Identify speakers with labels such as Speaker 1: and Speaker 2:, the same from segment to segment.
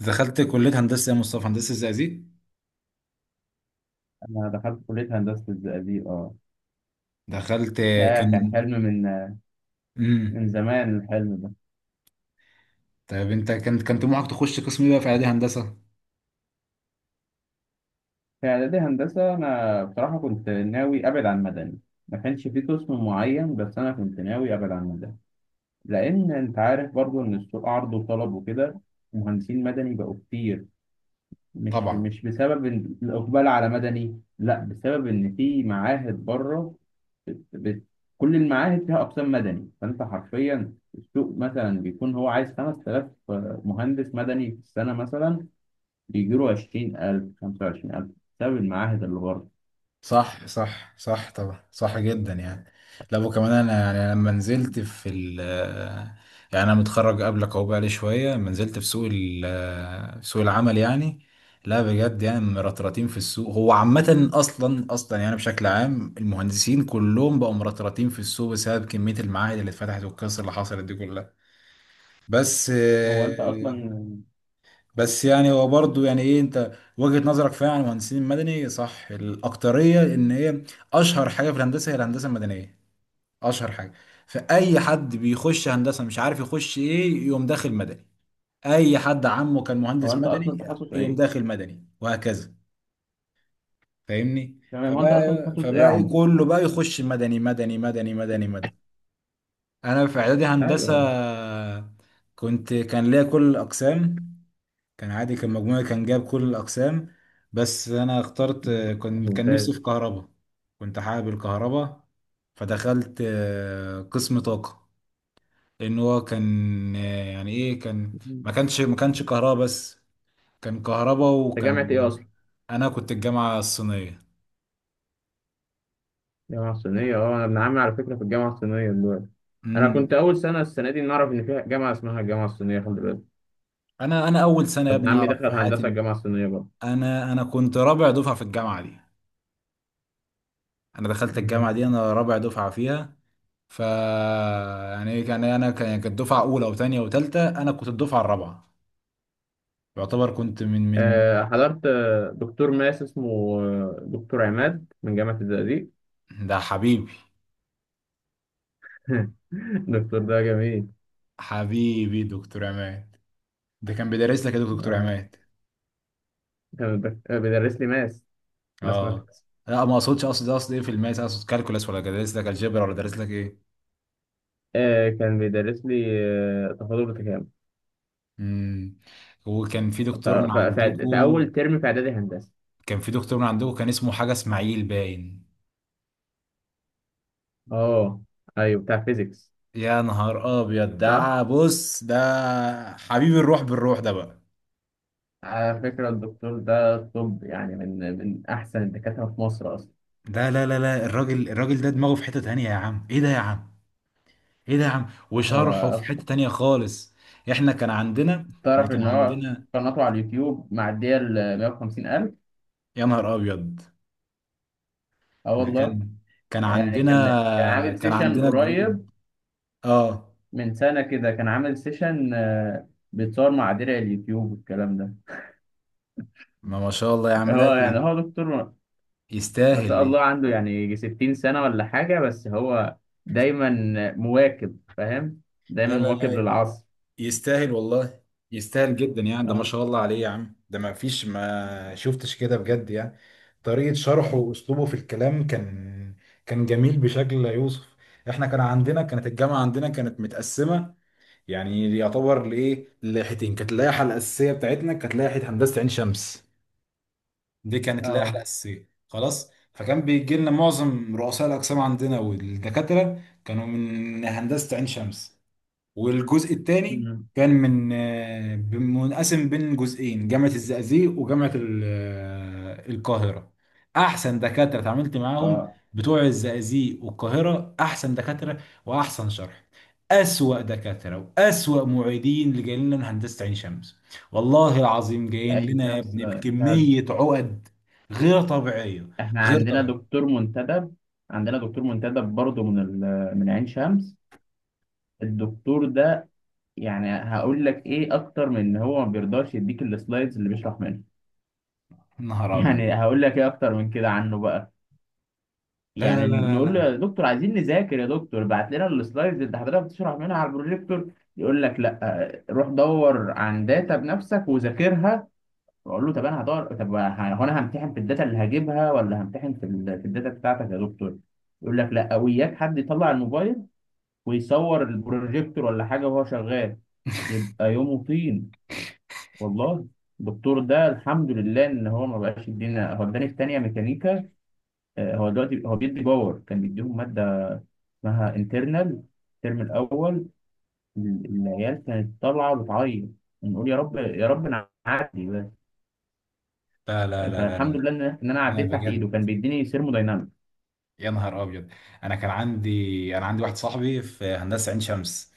Speaker 1: دخلت كلية هندسة يا مصطفى، هندسة زقازيق.
Speaker 2: أنا دخلت كلية هندسة الزقازيق. أه
Speaker 1: دخلت.
Speaker 2: آه
Speaker 1: كان.
Speaker 2: كان حلم من
Speaker 1: امم
Speaker 2: زمان، الحلم ده
Speaker 1: طيب انت كان طموحك تخش قسم ايه بقى في اعدادي هندسة؟
Speaker 2: في إعدادي هندسة. أنا بصراحة كنت ناوي أبعد عن مدني، ما كانش في قسم معين، بس أنا كنت ناوي أبعد عن مدني. لأن أنت عارف برضو إن السوق عرض وطلب وكده، مهندسين مدني بقوا كتير. مش
Speaker 1: طبعا،
Speaker 2: مش بسبب إن الإقبال على مدني، لا، بسبب إن في معاهد بره. بت... بت... كل المعاهد فيها أقسام مدني، فأنت حرفيا السوق مثلا بيكون هو عايز 5000 مهندس مدني في السنة مثلا، بيجيله 20000، 25000، بسبب المعاهد اللي بره.
Speaker 1: صح صح صح، طبعا صح جدا يعني. لا وكمان انا، يعني لما نزلت في يعني انا متخرج قبلك اهو، بقالي شويه لما نزلت في سوق العمل يعني. لا بجد يعني مرطرطين في السوق، هو عامه اصلا يعني بشكل عام المهندسين كلهم بقوا مرطرطين في السوق، بسبب كميه المعاهد اللي اتفتحت والقصه اللي حصلت دي كلها. بس
Speaker 2: هو أنت أصلا
Speaker 1: بس يعني هو برضه يعني ايه، انت وجهة نظرك فعلا عن المهندسين المدني، صح الاكترية ان هي اشهر حاجة في الهندسة هي الهندسة المدنية، اشهر حاجة. فاي حد بيخش هندسة مش عارف يخش ايه يقوم داخل مدني، اي حد عمه كان
Speaker 2: هو
Speaker 1: مهندس
Speaker 2: أنت
Speaker 1: مدني
Speaker 2: أصلا تخصص
Speaker 1: يقوم
Speaker 2: إيه؟
Speaker 1: داخل مدني، وهكذا. فاهمني؟
Speaker 2: تمام، هو أنت
Speaker 1: فبقى
Speaker 2: أصلا تخصص إيه يا
Speaker 1: فبقى ايه
Speaker 2: عمر؟
Speaker 1: كله بقى يخش مدني مدني مدني مدني مدني. انا في اعدادي هندسة
Speaker 2: أيوه.
Speaker 1: كنت، ليا كل الاقسام، كان عادي كان مجموعي كان جاب كل
Speaker 2: مم.
Speaker 1: الأقسام. بس أنا اخترت،
Speaker 2: مم.
Speaker 1: كان نفسي في
Speaker 2: ممتاز.
Speaker 1: كهرباء، كنت حابب الكهرباء. فدخلت قسم طاقة، لأن هو كان يعني إيه كان،
Speaker 2: مم.
Speaker 1: ما كانش كهرباء بس، كان كهرباء
Speaker 2: أنت جامعة
Speaker 1: وكان.
Speaker 2: إيه أصلا؟
Speaker 1: أنا كنت الجامعة الصينية.
Speaker 2: جامعة صينية، أه. أنا ابن عمي على فكرة في الجامعة الصينية دلوقتي. أنا كنت
Speaker 1: امم
Speaker 2: أول سنة، السنة دي، نعرف إن فيها جامعة اسمها الجامعة الصينية، خلي بالك.
Speaker 1: أنا أول سنة يا
Speaker 2: ابن
Speaker 1: ابني
Speaker 2: عمي
Speaker 1: أعرف
Speaker 2: دخل
Speaker 1: في حياتي
Speaker 2: هندسة
Speaker 1: إن،
Speaker 2: الجامعة الصينية.
Speaker 1: أنا كنت رابع دفعة في الجامعة دي، أنا دخلت الجامعة دي
Speaker 2: برضه
Speaker 1: أنا رابع دفعة فيها. ف يعني ايه كان، يعني انا كانت دفعه اولى وثانيه وثالثه، انا كنت الدفعه الرابعه، يعتبر كنت من
Speaker 2: حضرت دكتور ماس اسمه دكتور عماد من جامعة الزقازيق.
Speaker 1: ده حبيبي،
Speaker 2: الدكتور ده جميل.
Speaker 1: حبيبي دكتور عماد. ده كان بيدرس لك يا دكتور
Speaker 2: اه،
Speaker 1: عماد؟
Speaker 2: كان بيدر- آه، بيدرس لي ماس، ماس
Speaker 1: اه.
Speaker 2: ماثكس.
Speaker 1: لا ما اقصدش، اقصد ايه في الماس، اقصد كالكولاس ولا درس لك الجبر ولا درس لك ايه؟
Speaker 2: كان بيدرس لي تفاضل وتكامل
Speaker 1: امم وكان في دكتور من
Speaker 2: في
Speaker 1: عندكم،
Speaker 2: أول ترم في إعدادي هندسة.
Speaker 1: كان في دكتور من عندكم كان اسمه حاجه اسماعيل باين.
Speaker 2: اه، أيوه، بتاع فيزيكس.
Speaker 1: يا نهار ابيض،
Speaker 2: صح؟
Speaker 1: ده بص، ده حبيب الروح بالروح ده بقى.
Speaker 2: على فكرة الدكتور ده، طب يعني، من أحسن الدكاترة في مصر أصلا.
Speaker 1: لا لا لا لا، الراجل ده دماغه في حتة تانية يا عم، ايه ده يا عم، ايه ده يا عم،
Speaker 2: هو
Speaker 1: وشرحه في
Speaker 2: أصلا
Speaker 1: حتة تانية خالص. احنا
Speaker 2: تعرف
Speaker 1: كان
Speaker 2: إن هو
Speaker 1: عندنا.
Speaker 2: قناته على اليوتيوب معدية ال 150 ألف.
Speaker 1: يا نهار ابيض،
Speaker 2: اه
Speaker 1: احنا
Speaker 2: والله.
Speaker 1: كان،
Speaker 2: يعني كان عامل
Speaker 1: كان
Speaker 2: سيشن
Speaker 1: عندنا جو...
Speaker 2: قريب،
Speaker 1: اه.
Speaker 2: من سنة كده، كان عامل سيشن، بيتصور مع درع اليوتيوب والكلام ده.
Speaker 1: ما ما شاء الله يا عم، لا
Speaker 2: هو يعني، هو دكتور ما
Speaker 1: يستاهل
Speaker 2: شاء
Speaker 1: ليه؟
Speaker 2: الله، عنده يعني يجي 60 سنة ولا حاجة، بس هو دايما مواكب، فاهم، دايما
Speaker 1: لا لا
Speaker 2: مواكب
Speaker 1: لا،
Speaker 2: للعصر.
Speaker 1: يستاهل والله، يستاهل جدا يعني، ده ما
Speaker 2: اه.
Speaker 1: شاء الله عليه يا عم، ده ما فيش ما شفتش كده بجد يعني. طريقة شرحه واسلوبه في الكلام كان، كان جميل بشكل لا يوصف. احنا كان عندنا كانت الجامعة عندنا كانت متقسمة، يعني يعتبر لايه، لائحتين. كانت اللائحة الأساسية بتاعتنا كانت لائحة هندسة عين شمس، دي كانت اللائحة
Speaker 2: اه.
Speaker 1: الأساسية خلاص. فكان بيجي لنا معظم رؤساء الأقسام عندنا والدكاترة كانوا من هندسة عين شمس. والجزء الثاني
Speaker 2: مم.
Speaker 1: كان من منقسم بين جزئين، جامعة الزقازيق وجامعة القاهرة. أحسن دكاترة اتعاملت معاهم
Speaker 2: اه.
Speaker 1: بتوع الزقازيق والقاهرة، أحسن دكاترة وأحسن شرح. أسوأ دكاترة وأسوأ معيدين اللي جايين لنا من هندسة عين شمس، والله العظيم جايين
Speaker 2: اي
Speaker 1: لنا يا
Speaker 2: شخص
Speaker 1: ابني
Speaker 2: فعلا.
Speaker 1: بكمية عقد غير طبيعية،
Speaker 2: احنا
Speaker 1: غير
Speaker 2: عندنا
Speaker 1: طبيعية.
Speaker 2: دكتور منتدب، عندنا دكتور منتدب برضه من من عين شمس. الدكتور ده، يعني هقول لك ايه اكتر من ان هو ما بيرضاش يديك السلايدز اللي بيشرح منها.
Speaker 1: نهار أبيض.
Speaker 2: يعني هقول لك ايه اكتر من كده عنه بقى.
Speaker 1: لا لا
Speaker 2: يعني
Speaker 1: لا
Speaker 2: نقول له يا
Speaker 1: لا
Speaker 2: دكتور، عايزين نذاكر يا دكتور، بعت لنا السلايدز اللي حضرتك بتشرح منها على البروجيكتور، يقول لك لا، روح دور عن داتا بنفسك وذاكرها. واقول له طب انا هدور، طب هو انا همتحن في الداتا اللي هجيبها، ولا همتحن في في الداتا بتاعتك يا دكتور؟ يقول لك لا. وياك حد يطلع الموبايل ويصور البروجيكتور ولا حاجه وهو شغال، يبقى يومه طين، والله. الدكتور ده الحمد لله ان هو ما بقاش يدينا، هو اداني في تانية ميكانيكا. هو دلوقتي هو بيدي باور، كان بيديهم ماده اسمها انترنال الترم الاول. ال- العيال كانت طالعه بتعيط، نقول يا رب يا رب نعدي بس.
Speaker 1: لا لا لا لا لا
Speaker 2: فالحمد
Speaker 1: لا،
Speaker 2: لله ان انا
Speaker 1: لا
Speaker 2: عديت تحت ايده،
Speaker 1: بجد.
Speaker 2: كان بيديني ثيرموداينامك.
Speaker 1: يا نهار ابيض، انا كان عندي، انا عندي واحد صاحبي في هندسه عين شمس،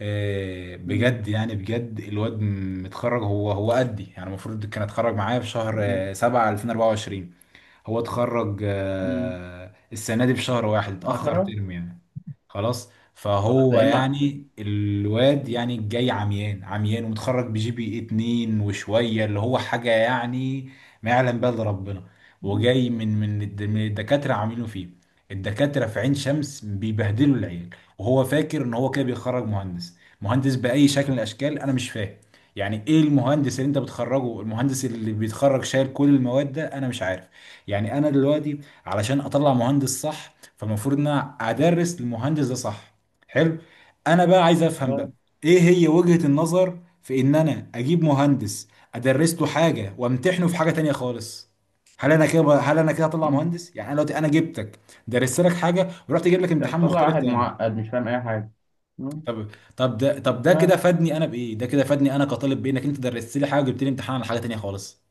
Speaker 2: مم.
Speaker 1: بجد يعني بجد، الواد متخرج هو، هو قدي يعني، المفروض كان اتخرج معايا في شهر
Speaker 2: مم.
Speaker 1: 7 2024، هو اتخرج
Speaker 2: مم.
Speaker 1: السنه دي بشهر واحد، اتاخر
Speaker 2: 10.
Speaker 1: ترم يعني. خلاص،
Speaker 2: اه،
Speaker 1: فهو
Speaker 2: تلاقي ما.
Speaker 1: يعني الواد يعني جاي عميان عميان، ومتخرج بجي بي اتنين وشوية، اللي هو حاجة يعني ما يعلم بها الا ربنا.
Speaker 2: مم.
Speaker 1: وجاي من من الدكاترة عاملينه فيه، الدكاترة في عين شمس بيبهدلوا العيال. وهو فاكر ان هو كده بيخرج مهندس، مهندس بأي شكل من الاشكال؟ انا مش فاهم يعني ايه المهندس اللي انت بتخرجه، المهندس اللي بيتخرج شايل كل المواد ده؟ انا مش عارف. يعني انا دلوقتي علشان اطلع مهندس صح، فالمفروض ان انا ادرس للمهندس ده صح، حلو. انا بقى عايز افهم بقى،
Speaker 2: آه،
Speaker 1: ايه هي وجهة النظر في ان انا اجيب مهندس ادرس له حاجه وامتحنه في حاجه تانية خالص؟ هل انا كده هطلع
Speaker 2: مم.
Speaker 1: مهندس؟ يعني انا دلوقتي، انا جبتك درست لك حاجه ورحت اجيب لك
Speaker 2: ده
Speaker 1: امتحان
Speaker 2: بتطلع
Speaker 1: مختلف
Speaker 2: واحد
Speaker 1: تاني.
Speaker 2: معقد مش فاهم اي حاجه.
Speaker 1: طب طب طب ده كده
Speaker 2: آه،
Speaker 1: فادني انا بايه؟ ده كده فادني انا كطالب بانك انت درست لي حاجه وجبت لي امتحان على حاجه تانية خالص؟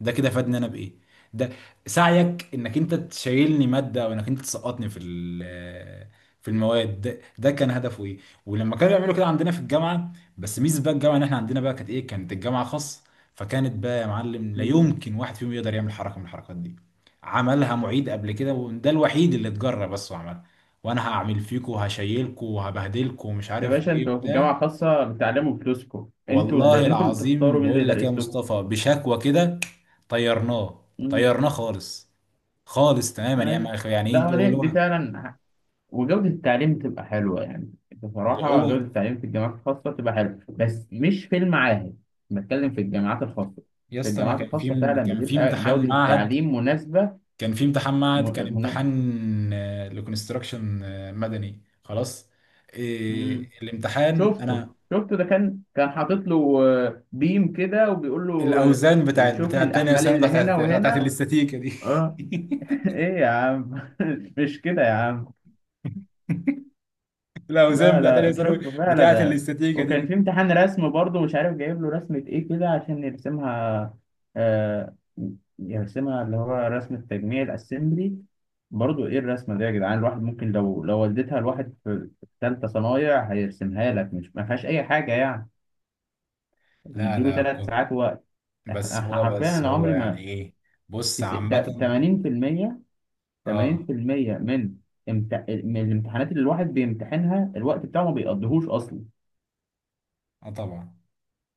Speaker 1: ده كده فادني انا بايه؟ ده سعيك انك انت تشيلني ماده، او انك انت تسقطني في في المواد ده، ده كان هدفه ايه؟ ولما كانوا يعملوا كده عندنا في الجامعه، بس ميزه بقى الجامعه ان احنا عندنا بقى كانت ايه، كانت الجامعه خاص. فكانت بقى يا معلم لا
Speaker 2: ف-
Speaker 1: يمكن واحد فيهم يقدر يعمل حركه من الحركات دي. عملها معيد قبل كده، وده الوحيد اللي اتجرى بس وعملها، وانا هعمل فيكم وهشيلكم وهبهدلكم ومش
Speaker 2: يا
Speaker 1: عارف
Speaker 2: باشا،
Speaker 1: ايه
Speaker 2: انتوا في
Speaker 1: بتاع.
Speaker 2: جامعة خاصة، بتعلموا بفلوسكم، انتوا
Speaker 1: والله
Speaker 2: اللي، انتوا اللي
Speaker 1: العظيم
Speaker 2: بتختاروا مين اللي
Speaker 1: بقول لك يا
Speaker 2: يدرس لكم.
Speaker 1: مصطفى، بشكوى كده طيرناه،
Speaker 2: امم.
Speaker 1: طيرناه خالص، خالص تماما يعني.
Speaker 2: ايوه.
Speaker 1: يعني ايه
Speaker 2: لا
Speaker 1: انت،
Speaker 2: هو
Speaker 1: هو
Speaker 2: دي،
Speaker 1: اللي
Speaker 2: دي
Speaker 1: هو
Speaker 2: فعلا ح-، وجودة التعليم تبقى حلوة يعني.
Speaker 1: اللي
Speaker 2: بصراحة
Speaker 1: هو.
Speaker 2: جودة التعليم في الجامعات الخاصة تبقى حلوة، بس مش في المعاهد. بتكلم في الجامعات الخاصة.
Speaker 1: يا
Speaker 2: في
Speaker 1: اسطى، انا
Speaker 2: الجامعات
Speaker 1: كان
Speaker 2: الخاصة
Speaker 1: في،
Speaker 2: فعلا
Speaker 1: كان في
Speaker 2: بتبقى
Speaker 1: امتحان
Speaker 2: جودة
Speaker 1: معهد،
Speaker 2: التعليم مناسبة.
Speaker 1: كان في امتحان معهد
Speaker 2: م...
Speaker 1: كان
Speaker 2: من...
Speaker 1: امتحان لكونستراكشن مدني خلاص. إيه
Speaker 2: مم.
Speaker 1: الامتحان؟
Speaker 2: شفته،
Speaker 1: انا
Speaker 2: شفته ده كان، كان حاطط له بيم كده وبيقول له
Speaker 1: الاوزان بتاعت
Speaker 2: شوف لي
Speaker 1: بتاعت تانية
Speaker 2: الأحمال
Speaker 1: ثانوي
Speaker 2: اللي هنا
Speaker 1: بتاعت
Speaker 2: وهنا.
Speaker 1: الاستاتيكا دي.
Speaker 2: ايه يا عم، مش كده يا عم.
Speaker 1: الاوزان
Speaker 2: لا
Speaker 1: بتاعت تانية
Speaker 2: لا،
Speaker 1: ثانوي،
Speaker 2: شوف
Speaker 1: بتاعت
Speaker 2: فعلا آه.
Speaker 1: الاستاتيكا
Speaker 2: وكان في
Speaker 1: دي.
Speaker 2: امتحان رسم برضه مش عارف جايب له رسمة ايه كده عشان يرسمها. آه، يرسمها اللي هو رسم التجميع، الاسمبلي. برضه ايه الرسمة دي يا جدعان، الواحد ممكن لو، لو وديتها لواحد في، في ثالثة صنايع هيرسمها لك، مش ما فيهاش اي حاجة يعني.
Speaker 1: لا
Speaker 2: ومديله
Speaker 1: لا
Speaker 2: ثلاث
Speaker 1: كنت،
Speaker 2: ساعات وقت.
Speaker 1: بس هو،
Speaker 2: حرفيا
Speaker 1: بس
Speaker 2: انا
Speaker 1: هو
Speaker 2: عمري
Speaker 1: يعني
Speaker 2: ما
Speaker 1: ايه، بص
Speaker 2: تس- تا-
Speaker 1: عامة.
Speaker 2: 80%
Speaker 1: اه،
Speaker 2: 80% من من الامتحانات اللي الواحد بيمتحنها الوقت بتاعه ما بيقضيهوش اصلا.
Speaker 1: اه طبعا.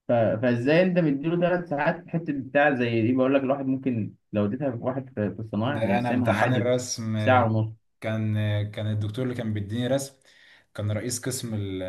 Speaker 2: فازاي انت مديله ثلاث ساعات في الحته بتاع زي دي؟ بقول لك الواحد ممكن لو اديتها لواحد في، في الصنايع،
Speaker 1: ده انا
Speaker 2: هيقسمها
Speaker 1: امتحان
Speaker 2: عادي في
Speaker 1: الرسم
Speaker 2: ساعه ونص.
Speaker 1: كان، كان الدكتور اللي كان بيديني رسم كان رئيس قسم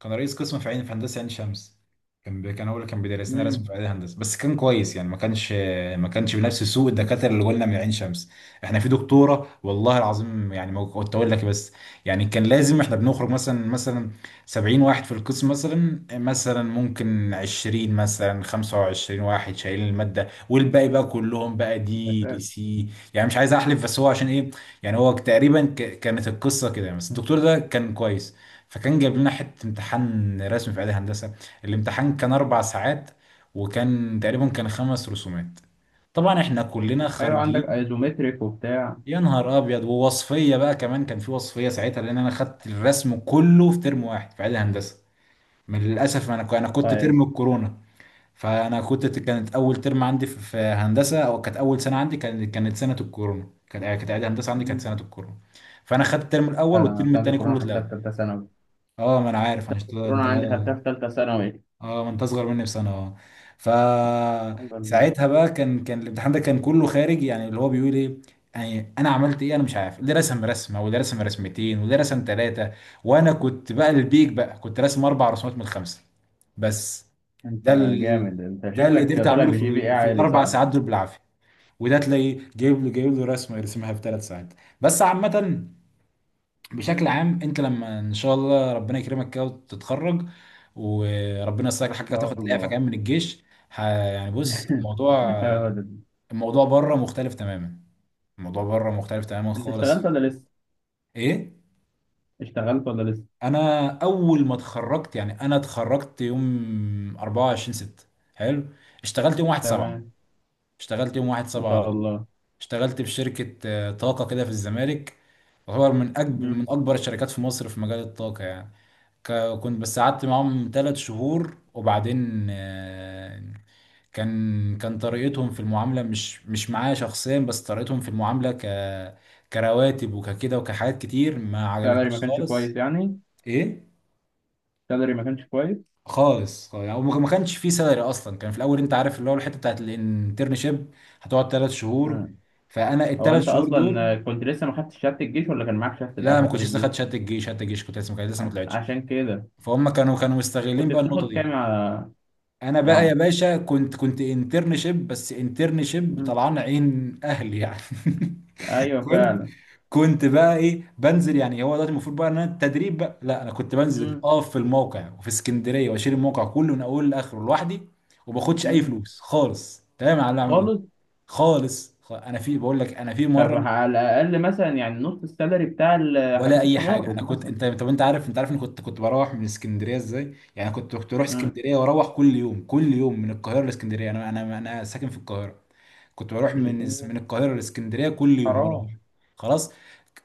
Speaker 1: كان رئيس قسم في عين، في هندسه عين شمس. كان هو اللي كان بيدرس لنا رسم
Speaker 2: امم.
Speaker 1: في عين هندسه، بس كان كويس يعني، ما كانش بنفس سوء الدكاتره اللي قلنا من عين شمس. احنا في دكتوره والله العظيم يعني ما كنت اقول لك بس، يعني كان لازم احنا بنخرج مثلا 70 واحد في القسم، مثلا ممكن 20 مثلا 25 واحد شايلين الماده، والباقي بقى كلهم بقى دي لي سي. يعني مش عايز احلف بس هو عشان ايه، يعني هو تقريبا كانت القصه كده يعني. بس الدكتور ده كان كويس، فكان جايب لنا حته امتحان رسم في اعدادي هندسه، الامتحان كان اربع ساعات، وكان تقريبا كان خمس رسومات، طبعا احنا كلنا
Speaker 2: ايوه، عندك
Speaker 1: خارجين.
Speaker 2: ايزومتريك وبتاع.
Speaker 1: يا نهار ابيض، ووصفيه بقى كمان، كان في وصفيه ساعتها، لان انا خدت الرسم كله في ترم واحد في اعدادي هندسه، من للاسف انا، كنت
Speaker 2: طيب.
Speaker 1: ترم الكورونا. فانا كنت، كانت اول ترم عندي في في هندسه، او كانت اول سنه عندي كانت، كانت سنه الكورونا، كانت، كانت اعدادي هندسه عندي كانت
Speaker 2: مم.
Speaker 1: سنه الكورونا. فانا خدت الترم الاول
Speaker 2: انا
Speaker 1: والترم
Speaker 2: سنه
Speaker 1: الثاني كله
Speaker 2: الكورونا خدتها
Speaker 1: اتلغى.
Speaker 2: في ثالثه ثانوي.
Speaker 1: اه، ما انا عارف
Speaker 2: سنه
Speaker 1: انت،
Speaker 2: الكورونا
Speaker 1: انت.
Speaker 2: عندي خدتها في ثالثه ثانوي.
Speaker 1: اه ما انت اصغر مني بسنه، اه.
Speaker 2: الحمد لله.
Speaker 1: فساعتها بقى كان، كان الامتحان ده كان كله خارج، يعني اللي هو بيقول ايه، يعني انا عملت ايه، انا مش عارف، اللي رسم رسمه، واللي رسم رسمتين، واللي رسم ثلاثه، وانا كنت بقى البيك بقى، كنت راسم اربع رسومات من الخمسه بس.
Speaker 2: انت
Speaker 1: ده ال...
Speaker 2: جامد، انت
Speaker 1: ده اللي
Speaker 2: شكلك
Speaker 1: قدرت
Speaker 2: طالع
Speaker 1: اعمله في
Speaker 2: بجي بي اي
Speaker 1: في
Speaker 2: عالي، صح؟
Speaker 1: الاربع
Speaker 2: ان
Speaker 1: ساعات دول بالعافيه، وده تلاقيه جايب له، جايب له رسمه يرسمها في ثلاث ساعات بس. عامه، بشكل
Speaker 2: مم.
Speaker 1: عام، انت لما ان شاء الله ربنا يكرمك كده وتتخرج، وربنا يسهل حاجه
Speaker 2: ان شاء
Speaker 1: تاخد الاعفاء
Speaker 2: الله.
Speaker 1: كمان من الجيش، يعني بص الموضوع، الموضوع بره مختلف تماما، الموضوع بره مختلف تماما
Speaker 2: انت اشتغلت
Speaker 1: خالص.
Speaker 2: ولا لسه؟
Speaker 1: ايه؟
Speaker 2: اشتغلت ولا لسه؟
Speaker 1: انا اول ما اتخرجت يعني، انا اتخرجت يوم 24 6، حلو، اشتغلت يوم 1 7،
Speaker 2: تمام.
Speaker 1: اشتغلت يوم 1
Speaker 2: ما
Speaker 1: 7 على
Speaker 2: شاء
Speaker 1: طول.
Speaker 2: الله.
Speaker 1: اشتغلت في شركه طاقه كده في الزمالك، تعتبر من اكبر، من
Speaker 2: امم.
Speaker 1: اكبر الشركات في مصر في مجال الطاقه يعني. ك- كنت بس قعدت معاهم ثلاث شهور وبعدين كان، طريقتهم في المعاملة، مش معايا شخصيا، بس طريقتهم في المعاملة ك، كرواتب وككده وكحاجات كتير ما
Speaker 2: سالري ما
Speaker 1: عجبتنيش
Speaker 2: كانش
Speaker 1: خالص.
Speaker 2: كويس يعني؟
Speaker 1: ايه؟
Speaker 2: سالري ما كانش كويس.
Speaker 1: خالص خالص. يعني ما كانش في سالري اصلا. كان في الاول انت عارف اللي هو الحته بتاعت الانترنشيب، هتقعد ثلاث شهور.
Speaker 2: آه.
Speaker 1: فانا
Speaker 2: هو
Speaker 1: الثلاث
Speaker 2: انت
Speaker 1: شهور دول،
Speaker 2: اصلا كنت لسه ما خدتش شهاده الجيش ولا كان معاك شهاده
Speaker 1: لا
Speaker 2: الاخر
Speaker 1: ما كنتش
Speaker 2: بتاعت
Speaker 1: لسه
Speaker 2: الجيش؟
Speaker 1: خدت شهاده الجيش، شهاده الجيش كنت لسه ما كانت لسه ما طلعتش.
Speaker 2: عشان كده.
Speaker 1: فهم كانوا، كانوا مستغلين
Speaker 2: كنت
Speaker 1: بقى النقطه
Speaker 2: بتاخد كام
Speaker 1: دي.
Speaker 2: يا،
Speaker 1: انا
Speaker 2: يا
Speaker 1: بقى يا
Speaker 2: عمر؟
Speaker 1: باشا كنت، كنت انترنشيب، بس انترنشيب
Speaker 2: مم.
Speaker 1: طلعان عين اهلي يعني.
Speaker 2: ايوه،
Speaker 1: كنت،
Speaker 2: فعلا.
Speaker 1: كنت بقى ايه، بنزل يعني، هو دلوقتي المفروض بقى ان انا التدريب بقى، لا انا كنت بنزل
Speaker 2: مم.
Speaker 1: اقف في الموقع وفي اسكندريه، واشيل الموقع كله من اوله لاخره لوحدي، وما باخدش اي
Speaker 2: مم.
Speaker 1: فلوس خالص تمام على اللي اعمله ده،
Speaker 2: خالص.
Speaker 1: خالص. انا في، بقول لك انا في
Speaker 2: طب
Speaker 1: مره،
Speaker 2: على الاقل مثلا يعني نص السالري بتاع ال-،
Speaker 1: ولا
Speaker 2: حديث
Speaker 1: اي حاجه. انا
Speaker 2: التغرب
Speaker 1: كنت،
Speaker 2: مثلا.
Speaker 1: انت طب انت عارف، انت عارف اني كنت، كنت بروح من اسكندريه ازاي يعني، كنت، كنت اروح
Speaker 2: مم.
Speaker 1: اسكندريه، واروح كل يوم كل يوم من القاهره لاسكندريه، انا، انا ساكن في القاهره. كنت بروح من من القاهره لاسكندريه كل يوم، مروح
Speaker 2: حرام.
Speaker 1: خلاص.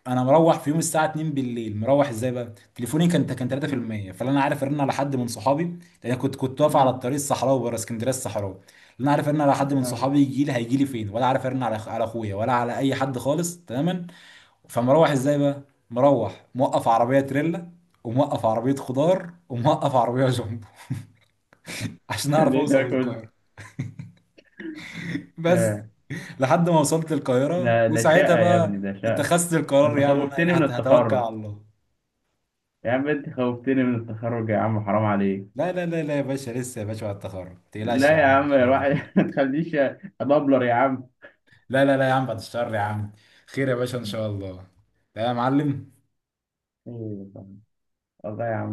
Speaker 1: انا مروح في يوم الساعه 2 بالليل، مروح ازاي بقى؟ تليفوني كان، كان
Speaker 2: مم.
Speaker 1: 3%، فلا انا عارف ارن على حد من صحابي، لان أنا كنت، كنت واقف على
Speaker 2: مم.
Speaker 1: الطريق الصحراوي بره اسكندريه الصحراوي. لا انا عارف ارن على حد من
Speaker 2: آه.
Speaker 1: صحابي يجي لي، هيجي لي فين، ولا عارف ارن على على اخويا، ولا على اي حد خالص تماما. فمروح ازاي بقى؟ مروح موقف عربيه تريلا، وموقف عربيه خضار، وموقف عربيه جنبو عشان اعرف
Speaker 2: ليه ده
Speaker 1: اوصل
Speaker 2: كله؟
Speaker 1: للقاهره بس، لحد ما وصلت القاهرة،
Speaker 2: ده ده
Speaker 1: وساعتها
Speaker 2: شقة يا ابني،
Speaker 1: بقى
Speaker 2: ده شقة.
Speaker 1: اتخذت
Speaker 2: ده
Speaker 1: القرار
Speaker 2: انت
Speaker 1: يعني. انا إيه،
Speaker 2: خوفتني من
Speaker 1: هتوكل
Speaker 2: التخرج،
Speaker 1: على الله.
Speaker 2: يا عم انت خوفتني من التخرج يا عم، حرام عليك.
Speaker 1: لا لا لا لا يا باشا، لسه يا باشا، بعد التخرج ما تقلقش يا
Speaker 2: لا يا
Speaker 1: عم، ان
Speaker 2: عم
Speaker 1: شاء الله
Speaker 2: الواحد،
Speaker 1: خير.
Speaker 2: ما تخليش ادبلر يا عم.
Speaker 1: لا لا لا يا عم بعد الشهر يا عم، خير يا باشا ان شاء الله. لا يا معلم.
Speaker 2: أيوة طبعاً. والله يا عم.